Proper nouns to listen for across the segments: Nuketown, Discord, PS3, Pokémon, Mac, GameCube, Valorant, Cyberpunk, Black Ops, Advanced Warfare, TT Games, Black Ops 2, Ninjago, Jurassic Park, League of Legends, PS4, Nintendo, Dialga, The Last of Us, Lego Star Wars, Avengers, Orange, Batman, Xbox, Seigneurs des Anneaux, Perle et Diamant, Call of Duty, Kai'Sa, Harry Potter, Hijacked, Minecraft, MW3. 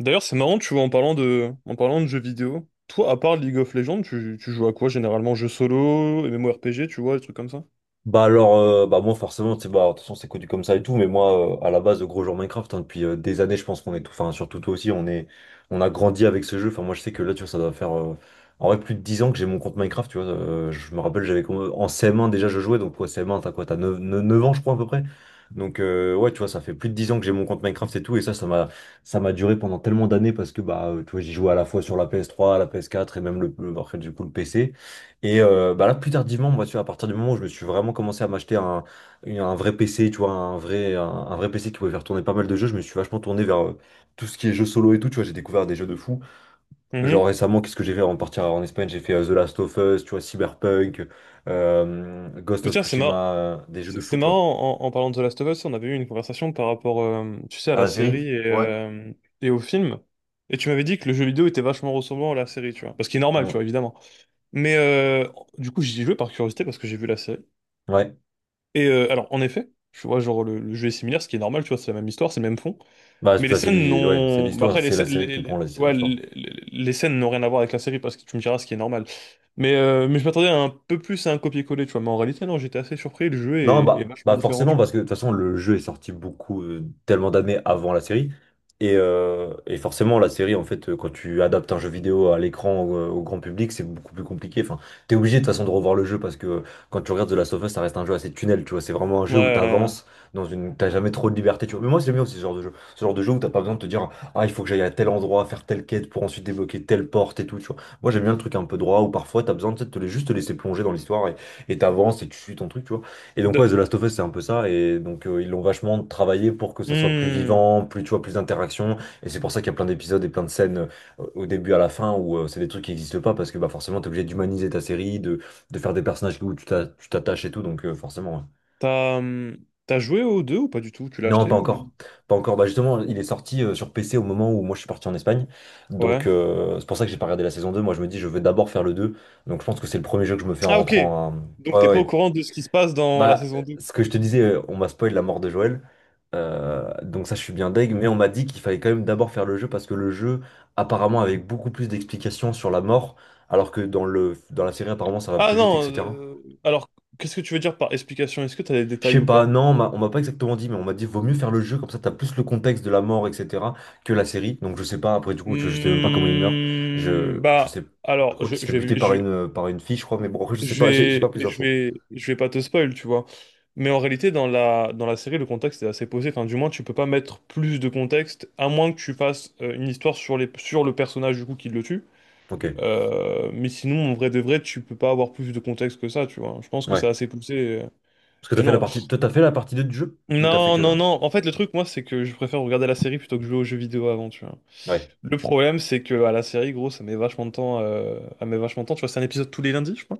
D'ailleurs, c'est marrant, tu vois, en parlant de jeux vidéo, toi, à part League of Legends, tu joues à quoi généralement? Jeux solo, MMORPG, tu vois, des trucs comme ça? Bah alors, bah moi forcément, tu sais, bah, de toute façon c'est connu comme ça et tout, mais moi à la base, gros joueur Minecraft, hein, depuis des années, je pense qu'on est tout, enfin surtout toi aussi, on a grandi avec ce jeu. Enfin moi je sais que là, tu vois, ça doit faire en vrai plus de 10 ans que j'ai mon compte Minecraft, tu vois. Je me rappelle, j'avais en CM1 déjà je jouais, donc quoi CM1, t'as quoi, t'as neuf ans je crois à peu près. Donc ouais, tu vois, ça fait plus de 10 ans que j'ai mon compte Minecraft et tout, et ça, ça m'a duré pendant tellement d'années parce que bah tu vois, j'y jouais à la fois sur la PS3, la PS4 et même après, du coup le PC. Et bah là, plus tardivement, moi, tu vois, à partir du moment où je me suis vraiment commencé à m'acheter un vrai PC, tu vois, un vrai PC qui pouvait faire tourner pas mal de jeux, je me suis vachement tourné vers tout ce qui est jeux solo et tout, tu vois, j'ai découvert des jeux de fou. Genre Mhm. récemment, qu'est-ce que j'ai fait avant de partir en Espagne? J'ai fait The Last of Us, tu vois, Cyberpunk, Ghost Mais of tiens, c'est marrant. Tsushima, des jeux de C'est fou, c'est tu vois. marrant, en parlant de The Last of Us, on avait eu une conversation par rapport, tu sais, à Ah, la la série? série et, Ouais. et au film. Et tu m'avais dit que le jeu vidéo était vachement ressemblant à la série, tu vois. Parce qu'il est normal, tu vois, Ouais. évidemment. Mais du coup, j'y ai joué par curiosité parce que j'ai vu la série. Ouais. Et alors, en effet, tu vois, genre, le jeu est similaire, ce qui est normal, tu vois, c'est la même histoire, c'est le même fond. Bah, c'est Mais les enfin, scènes ouais, c'est n'ont. Bah l'histoire, après, les, c'est la scè- série qui prend l'histoire. Les scènes n'ont rien à voir avec la série parce que tu me diras ce qui est normal. Mais je m'attendais un peu plus à un copier-coller, tu vois. Mais en réalité, non, j'étais assez surpris. Le jeu Non, est bah, vachement bah différent, forcément, tu vois. parce que de toute façon, le jeu est sorti tellement d'années avant la série. Et forcément, la série, en fait, quand tu adaptes un jeu vidéo à l'écran, au grand public, c'est beaucoup plus compliqué. Enfin, t'es obligé de toute façon de revoir le jeu parce que quand tu regardes The Last of Us, ça reste un jeu assez tunnel, tu vois. C'est vraiment un Ouais. jeu où t'avances t'as jamais trop de liberté, tu vois. Mais moi, c'est bien aussi ce genre de jeu. Ce genre de jeu où t'as pas besoin de te dire, ah, il faut que j'aille à tel endroit, faire telle quête pour ensuite débloquer telle porte et tout, tu vois. Moi, j'aime bien le truc un peu droit où parfois t'as besoin tu sais, de juste te laisser plonger dans l'histoire et t'avances et tu suis ton truc, tu vois. Et donc ouais, The de- Last of Us, c'est un peu ça, et donc ils l'ont vachement travaillé pour que ça soit plus Hmm. vivant, plus, tu vois, plus d'interactions, et c'est pour ça qu'il y a plein d'épisodes et plein de scènes au début à la fin où c'est des trucs qui n'existent pas, parce que bah, forcément, t'es obligé d'humaniser ta série, de faire des personnages où tu t'attaches et tout, donc forcément. Ouais. T'as hum, t'as joué aux deux ou pas du tout? Tu l'as Non, pas acheté ou? encore. Pas encore. Bah justement, il est sorti sur PC au moment où moi je suis parti en Espagne. Donc Ouais. C'est pour ça que j'ai pas regardé la saison 2. Moi je me dis je veux d'abord faire le 2. Donc je pense que c'est le premier jeu que je me fais en Ah, ok. rentrant. Donc, Ouais, t'es ouais. pas au Ouais. courant de ce qui se passe dans la Bah, saison 2. ce que je te disais, on m'a spoil la mort de Joël. Donc ça, je suis bien deg. Mais on m'a dit qu'il fallait quand même d'abord faire le jeu parce que le jeu, apparemment, avait beaucoup plus d'explications sur la mort, alors que dans le, dans la série, apparemment, ça va Ah plus vite, non, etc. Alors qu'est-ce que tu veux dire par explication? Est-ce que tu as des Je sais détails ou pas, pas? non, on m'a pas exactement dit, mais on m'a dit vaut mieux faire le jeu, comme ça t'as plus le contexte de la mort, etc., que la série. Donc je sais pas, après du coup, tu vois, je sais même pas comment il meurt. Je Bah, sais, je alors, crois qu'il se fait buter par une fille, je crois, mais bon, après, je sais pas, j'ai pas plus d'infos. Je vais pas te spoil, tu vois. Mais en réalité, dans la série, le contexte est assez posé. Enfin, du moins, tu peux pas mettre plus de contexte, à moins que tu fasses une histoire sur le personnage du coup qui le tue. Ok, Mais sinon, en vrai de vrai, tu peux pas avoir plus de contexte que ça, tu vois. Je pense que c'est ouais. assez poussé. Parce que t'as Et, fait la non. partie, toi, t'as fait la partie 2 du jeu? Ou t'as fait Non, que non, là? non. En fait, le truc, moi, c'est que je préfère regarder la série plutôt que jouer aux jeux vidéo avant, tu vois. Ouais. Le problème, c'est que à la série, gros, ça met vachement de temps. Ça met vachement de temps. Tu vois, c'est un épisode tous les lundis, je crois.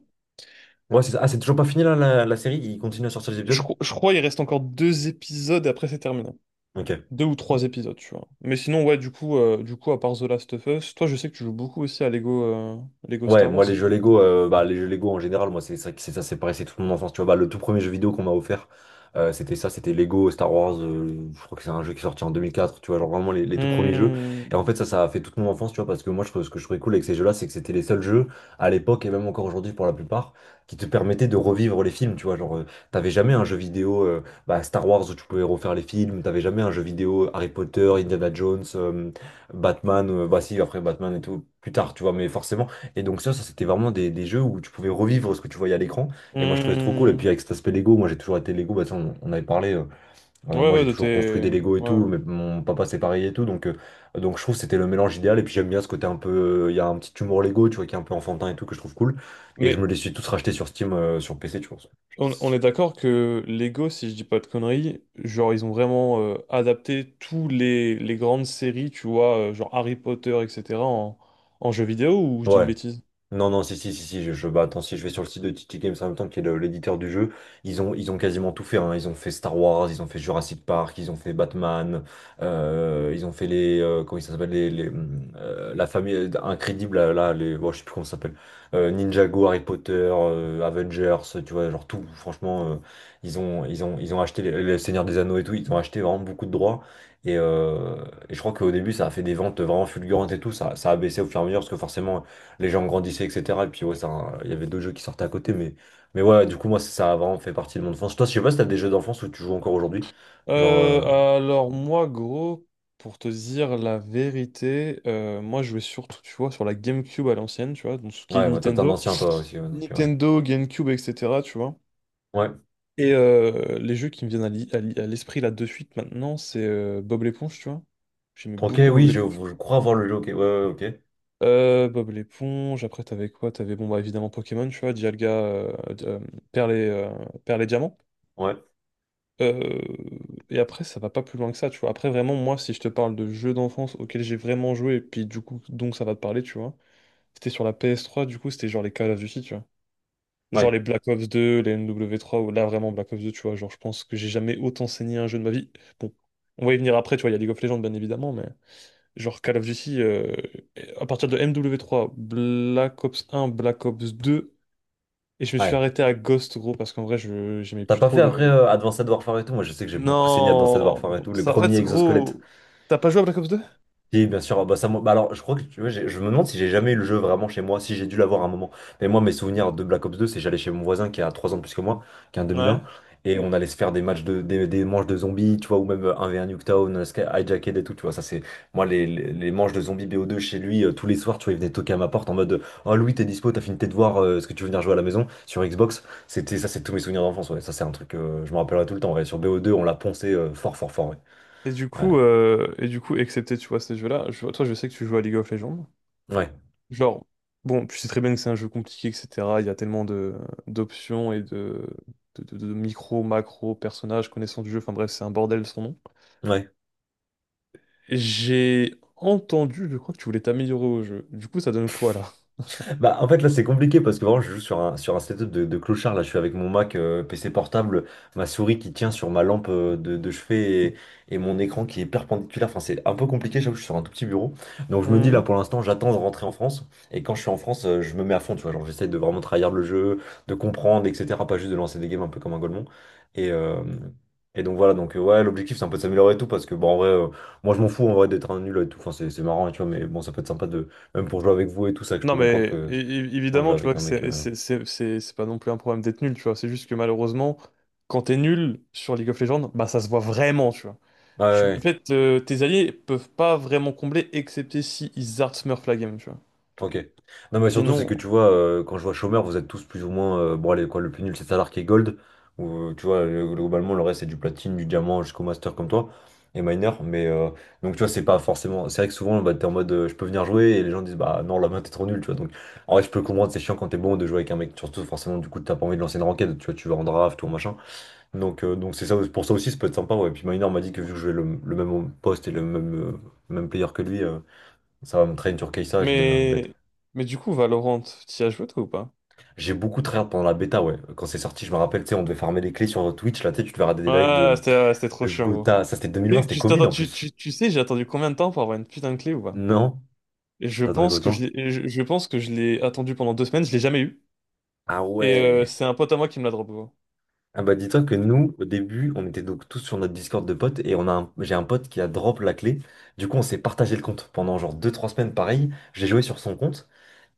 Ouais, c'est ça. Ah, c'est toujours pas fini là, la série? Il continue à sortir les Je, épisodes? cro- je crois il reste encore deux épisodes et après c'est terminé. Ok. Deux ou trois épisodes, tu vois. Mais sinon, ouais, du coup, à part The Last of Us, toi, je sais que tu joues beaucoup aussi à Lego Ouais, Star Wars, moi les si tu jeux peux. Lego, bah, les jeux Lego en général, moi c'est ça, c'est ça, c'est pareil, c'est toute mon enfance. Tu vois, bah, le tout premier jeu vidéo qu'on m'a offert, c'était Lego Star Wars. Je crois que c'est un jeu qui est sorti en 2004. Tu vois, genre vraiment les tout premiers jeux. Hmm, Et en fait, ça a fait toute mon enfance. Tu vois, parce que moi, ce que je trouvais cool avec ces jeux-là, c'est que c'était les seuls jeux à l'époque et même encore aujourd'hui pour la plupart qui te permettaient de revivre les films. Tu vois, genre t'avais jamais un jeu vidéo Star Wars où tu pouvais refaire les films. T'avais jamais un jeu vidéo Harry Potter, Indiana Jones, Batman. Bah si, après Batman et tout plus tard. Tu vois, mais forcément. Et donc ça c'était vraiment des jeux où tu pouvais revivre ce que tu voyais à l'écran. Et moi je trouvais ça trop cool. Et puis hmm. avec cet aspect Lego, moi j'ai toujours été Lego, bah, ça, on avait parlé. Ouais, Moi ouais, j'ai de toujours construit des tes. Lego et Ouais. tout, mais mon papa c'est pareil et tout. Donc, je trouve que c'était le mélange idéal. Et puis j'aime bien ce côté un peu. Il y a un petit humour Lego, tu vois, qui est un peu enfantin et tout, que je trouve cool. Et je me Mais les suis tous rachetés sur Steam, sur PC, tu vois. on est d'accord que Lego, si je dis pas de conneries, genre ils ont vraiment adapté tous les grandes séries, tu vois, genre Harry Potter, etc., en jeux vidéo ou je dis une Ouais. bêtise? Non, non, si, si, si, si, bah, attends, si je vais sur le site de TT Games en même temps, qui est l'éditeur du jeu, ils ont quasiment tout fait, hein. Ils ont fait Star Wars, ils ont fait Jurassic Park, ils ont fait Batman, ils ont fait les, comment ça s'appelle, la famille incrédible, là, là, bon, je sais plus comment ça s'appelle, Ninjago, Harry Potter, Avengers, tu vois, genre tout, franchement, ils ont acheté les Seigneurs des Anneaux et tout, ils ont acheté vraiment beaucoup de droits. Et, euh, et je crois qu'au début, ça a fait des ventes vraiment fulgurantes et tout. Ça a baissé au fur et à mesure parce que forcément, les gens grandissaient, etc. Et puis ouais, ça, il y avait d'autres jeux qui sortaient à côté, mais ouais, du coup, moi, ça a vraiment fait partie de mon enfance. Toi, je sais pas si t'as des jeux d'enfance où tu joues encore aujourd'hui. Genre, Euh, alors moi, gros, pour te dire la vérité, moi je jouais surtout, tu vois, sur la GameCube à l'ancienne, tu vois, donc ce qui est ouais, bah, toi, t'es un Nintendo. ancien, toi aussi, ouais, donc, ouais. Nintendo, GameCube, etc., tu vois. Ouais. Et les jeux qui me viennent à l'esprit là de suite maintenant, c'est Bob l'éponge, tu vois. J'aimais Ok, beaucoup Bob oui, je, l'éponge. je crois avoir le jeu, ok, ouais, ouais, ok. Bob l'éponge, après t'avais quoi? T'avais bon bah évidemment Pokémon, tu vois, Dialga Perle et, euh, Perle et Diamant. Ouais, Euh, et après ça va pas plus loin que ça, tu vois. Après vraiment moi si je te parle de jeux d'enfance auxquels j'ai vraiment joué, et puis du coup donc ça va te parler, tu vois. C'était sur la PS3, du coup c'était genre les Call of Duty, tu vois. Genre ouais, les Black Ops 2, les MW3, ou là vraiment Black Ops 2, tu vois, genre je pense que j'ai jamais autant saigné un jeu de ma vie. Bon, on va y venir après, tu vois, il y a League of Legends bien évidemment, mais. Genre Call of Duty, à partir de MW3 Black Ops 1 Black Ops 2 et je me suis ouais. arrêté à Ghost, gros, parce qu'en vrai, je j'aimais T'as plus pas trop fait après le... Advanced Warfare et tout? Moi, je sais que j'ai beaucoup saigné Advanced Non! Warfare et tout, les Ça, en premiers fait, exosquelettes. gros, t'as pas joué à Black Ops 2. Si, bien sûr. Bah, alors, je crois que tu vois, je me demande si j'ai jamais eu le jeu vraiment chez moi, si j'ai dû l'avoir à un moment. Mais moi, mes souvenirs de Black Ops 2, c'est j'allais chez mon voisin qui a 3 ans de plus que moi, qui a un 2001, Ouais. et on allait se faire des matchs des manches de zombies, tu vois, ou même 1v1 Nuketown, Hijacked et tout, tu vois. Ça, c'est moi, les manches de zombies bo deux chez lui, tous les soirs, tu vois, il venait toquer à ma porte en mode, Oh Louis, t'es dispo, t'as fini tes devoirs, est-ce que tu veux venir jouer à la maison sur Xbox? C'était ça, c'est tous mes souvenirs d'enfance, ouais. Ça, c'est un truc, je me rappellerai tout le temps, ouais. Sur bo deux, on l'a poncé fort, fort, fort, ouais. Et du Ouais. coup, euh, et du coup, excepté, tu vois, ces jeux-là, toi, je sais que tu joues à League of Legends. Ouais. Genre, bon, tu sais très bien que c'est un jeu compliqué, etc. Il y a tellement de d'options et de micro, macro, personnages, connaissance du jeu, enfin bref, c'est un bordel sans nom. Ouais. J'ai entendu, je crois que tu voulais t'améliorer au jeu. Du coup, ça donne quoi là? Bah, en fait, là, c'est compliqué parce que vraiment, je joue sur sur un setup de clochard. Là, je suis avec mon Mac, PC portable, ma souris qui tient sur ma lampe de chevet et mon écran qui est perpendiculaire. Enfin, c'est un peu compliqué. J'avoue, je suis sur un tout petit bureau. Donc, je me dis, Hmm. là, pour l'instant, j'attends de rentrer en France. Et quand je suis en France, je me mets à fond, tu vois. Genre, j'essaie de vraiment trahir le jeu, de comprendre, etc. Pas juste de lancer des games un peu comme un golemon. Et, euh, et donc, voilà. Donc, ouais, l'objectif, c'est un peu de s'améliorer et tout parce que, bon, en vrai, moi, je m'en fous en vrai d'être un nul et tout. Enfin, c'est marrant, tu vois, mais bon, ça peut être sympa de même pour jouer avec vous et tout ça, que je Non, peux comprendre mais que é- é- c'est chiant de jouer évidemment, tu avec vois un que mec. c'est c'est c'est- c'est- c'est pas non plus un problème d'être nul, tu vois. C'est juste que malheureusement, quand t'es nul sur League of Legends, bah ça se voit vraiment, tu vois. Ouais, ouais, En ouais. fait, tes alliés peuvent pas vraiment combler, excepté si ils art smurf la game, tu vois. Enfin, ok. Non, mais surtout, c'est Sinon, que tu vois, quand je vois chômeur, vous êtes tous plus ou moins, bon, allez, quoi, le plus nul, c'est Salar qui est gold. Ou, tu vois, globalement, le reste, c'est du platine, du diamant jusqu'au master comme toi. Et miner. Mais donc, tu vois, c'est pas forcément. C'est vrai que souvent, bah, t'es en mode, je peux venir jouer. Et les gens disent, bah non, la main, t'es trop nul, tu vois. Donc, en vrai, je peux comprendre, c'est chiant quand t'es bon de jouer avec un mec. Surtout, forcément, du coup, t'as pas envie de lancer une ranked. Tu vois, tu vas en draft, tout machin. Donc c'est ça, pour ça aussi, ça peut être sympa. Ouais. Puis Minor m'a dit que vu que je vais le même poste et le même player que lui, ça va me traîner sur Kai'Sa et je vais devenir une bête. mais mais du coup, Valorant, t'y as joué toi ou pas? J'ai beaucoup tryhard pendant la bêta, ouais. Quand c'est sorti, je me rappelle, tu sais, on devait farmer les clés sur Twitch. Là, tu sais, tu devais regarder des lives de, Ouais, c'était trop de chiant, gros. Gotha. Ça, c'était 2020, Et c'était Tu, Covid t'attends- en tu, plus. tu, tu sais, j'ai attendu combien de temps pour avoir une putain de clé ou pas? Non? Je T'as trouvé pense que je autant? l'ai, je, je pense que je l'ai attendu pendant 2 semaines, je l'ai jamais eu. Ah Et ouais. c'est un pote à moi qui me l'a drop, gros. Ah bah dis-toi que nous, au début, on était donc tous sur notre Discord de potes et j'ai un pote qui a drop la clé. Du coup, on s'est partagé le compte pendant genre deux trois semaines pareil. J'ai joué sur son compte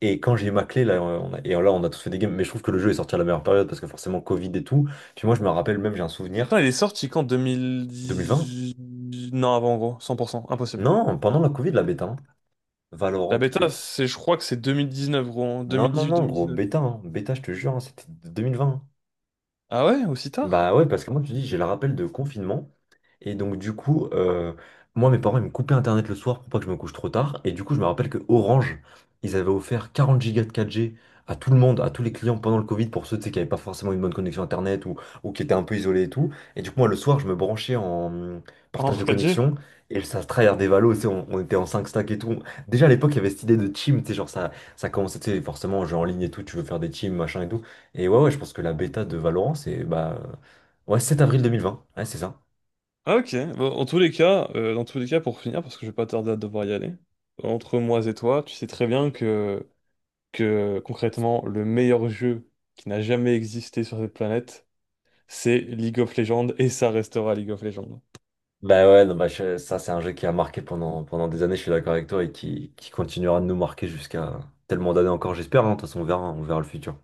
et quand j'ai eu ma clé, là, et là, on a tous fait des games. Mais je trouve que le jeu est sorti à la meilleure période parce que forcément, Covid et tout. Puis moi, je me rappelle même, j'ai un souvenir. Putain, il est sorti quand? 2020? 2010? Non, avant, gros, 100%, impossible. Non, pendant la Covid, la bêta, hein. Valorant La bêta, bêta. c'est, je crois que c'est 2019, gros, Non, non, non, gros, 2018-2019. bêta, hein. Bêta, je te jure, hein, c'était 2020, hein. Ah ouais, aussi tard? Bah ouais, parce que moi, tu dis, j'ai le rappel de confinement. Et donc, du coup, moi, mes parents, ils me coupaient Internet le soir pour pas que je me couche trop tard. Et du coup, je me rappelle que Orange, ils avaient offert 40 gigas de 4G à tout le monde, à tous les clients pendant le Covid, pour ceux, tu sais, qui n'avaient pas forcément une bonne connexion Internet ou qui étaient un peu isolés et tout. Et du coup, moi, le soir, je me branchais en En partage de 4G. connexion. Et ça se tryhard des valos, tu sais, on était en 5 stacks et tout. Déjà, à l'époque, il y avait cette idée de team, tu sais, genre, ça commençait, tu sais, forcément, jeu en ligne et tout, tu veux faire des teams, machin et tout. Et ouais, ouais, je pense que la bêta de Valorant, c'est, bah, ouais, sept avril 2020. Ouais, c'est ça. Ah ok, bon, en tous les cas, dans tous les cas, pour finir, parce que je vais pas tarder à devoir y aller, entre moi et toi, tu sais très bien que concrètement, le meilleur jeu qui n'a jamais existé sur cette planète, c'est League of Legends et ça restera League of Legends. Bah ouais, non, bah, ça c'est un jeu qui a marqué pendant des années, je suis d'accord avec toi, et qui continuera de nous marquer jusqu'à tellement d'années encore, j'espère, hein, de toute façon on verra le futur.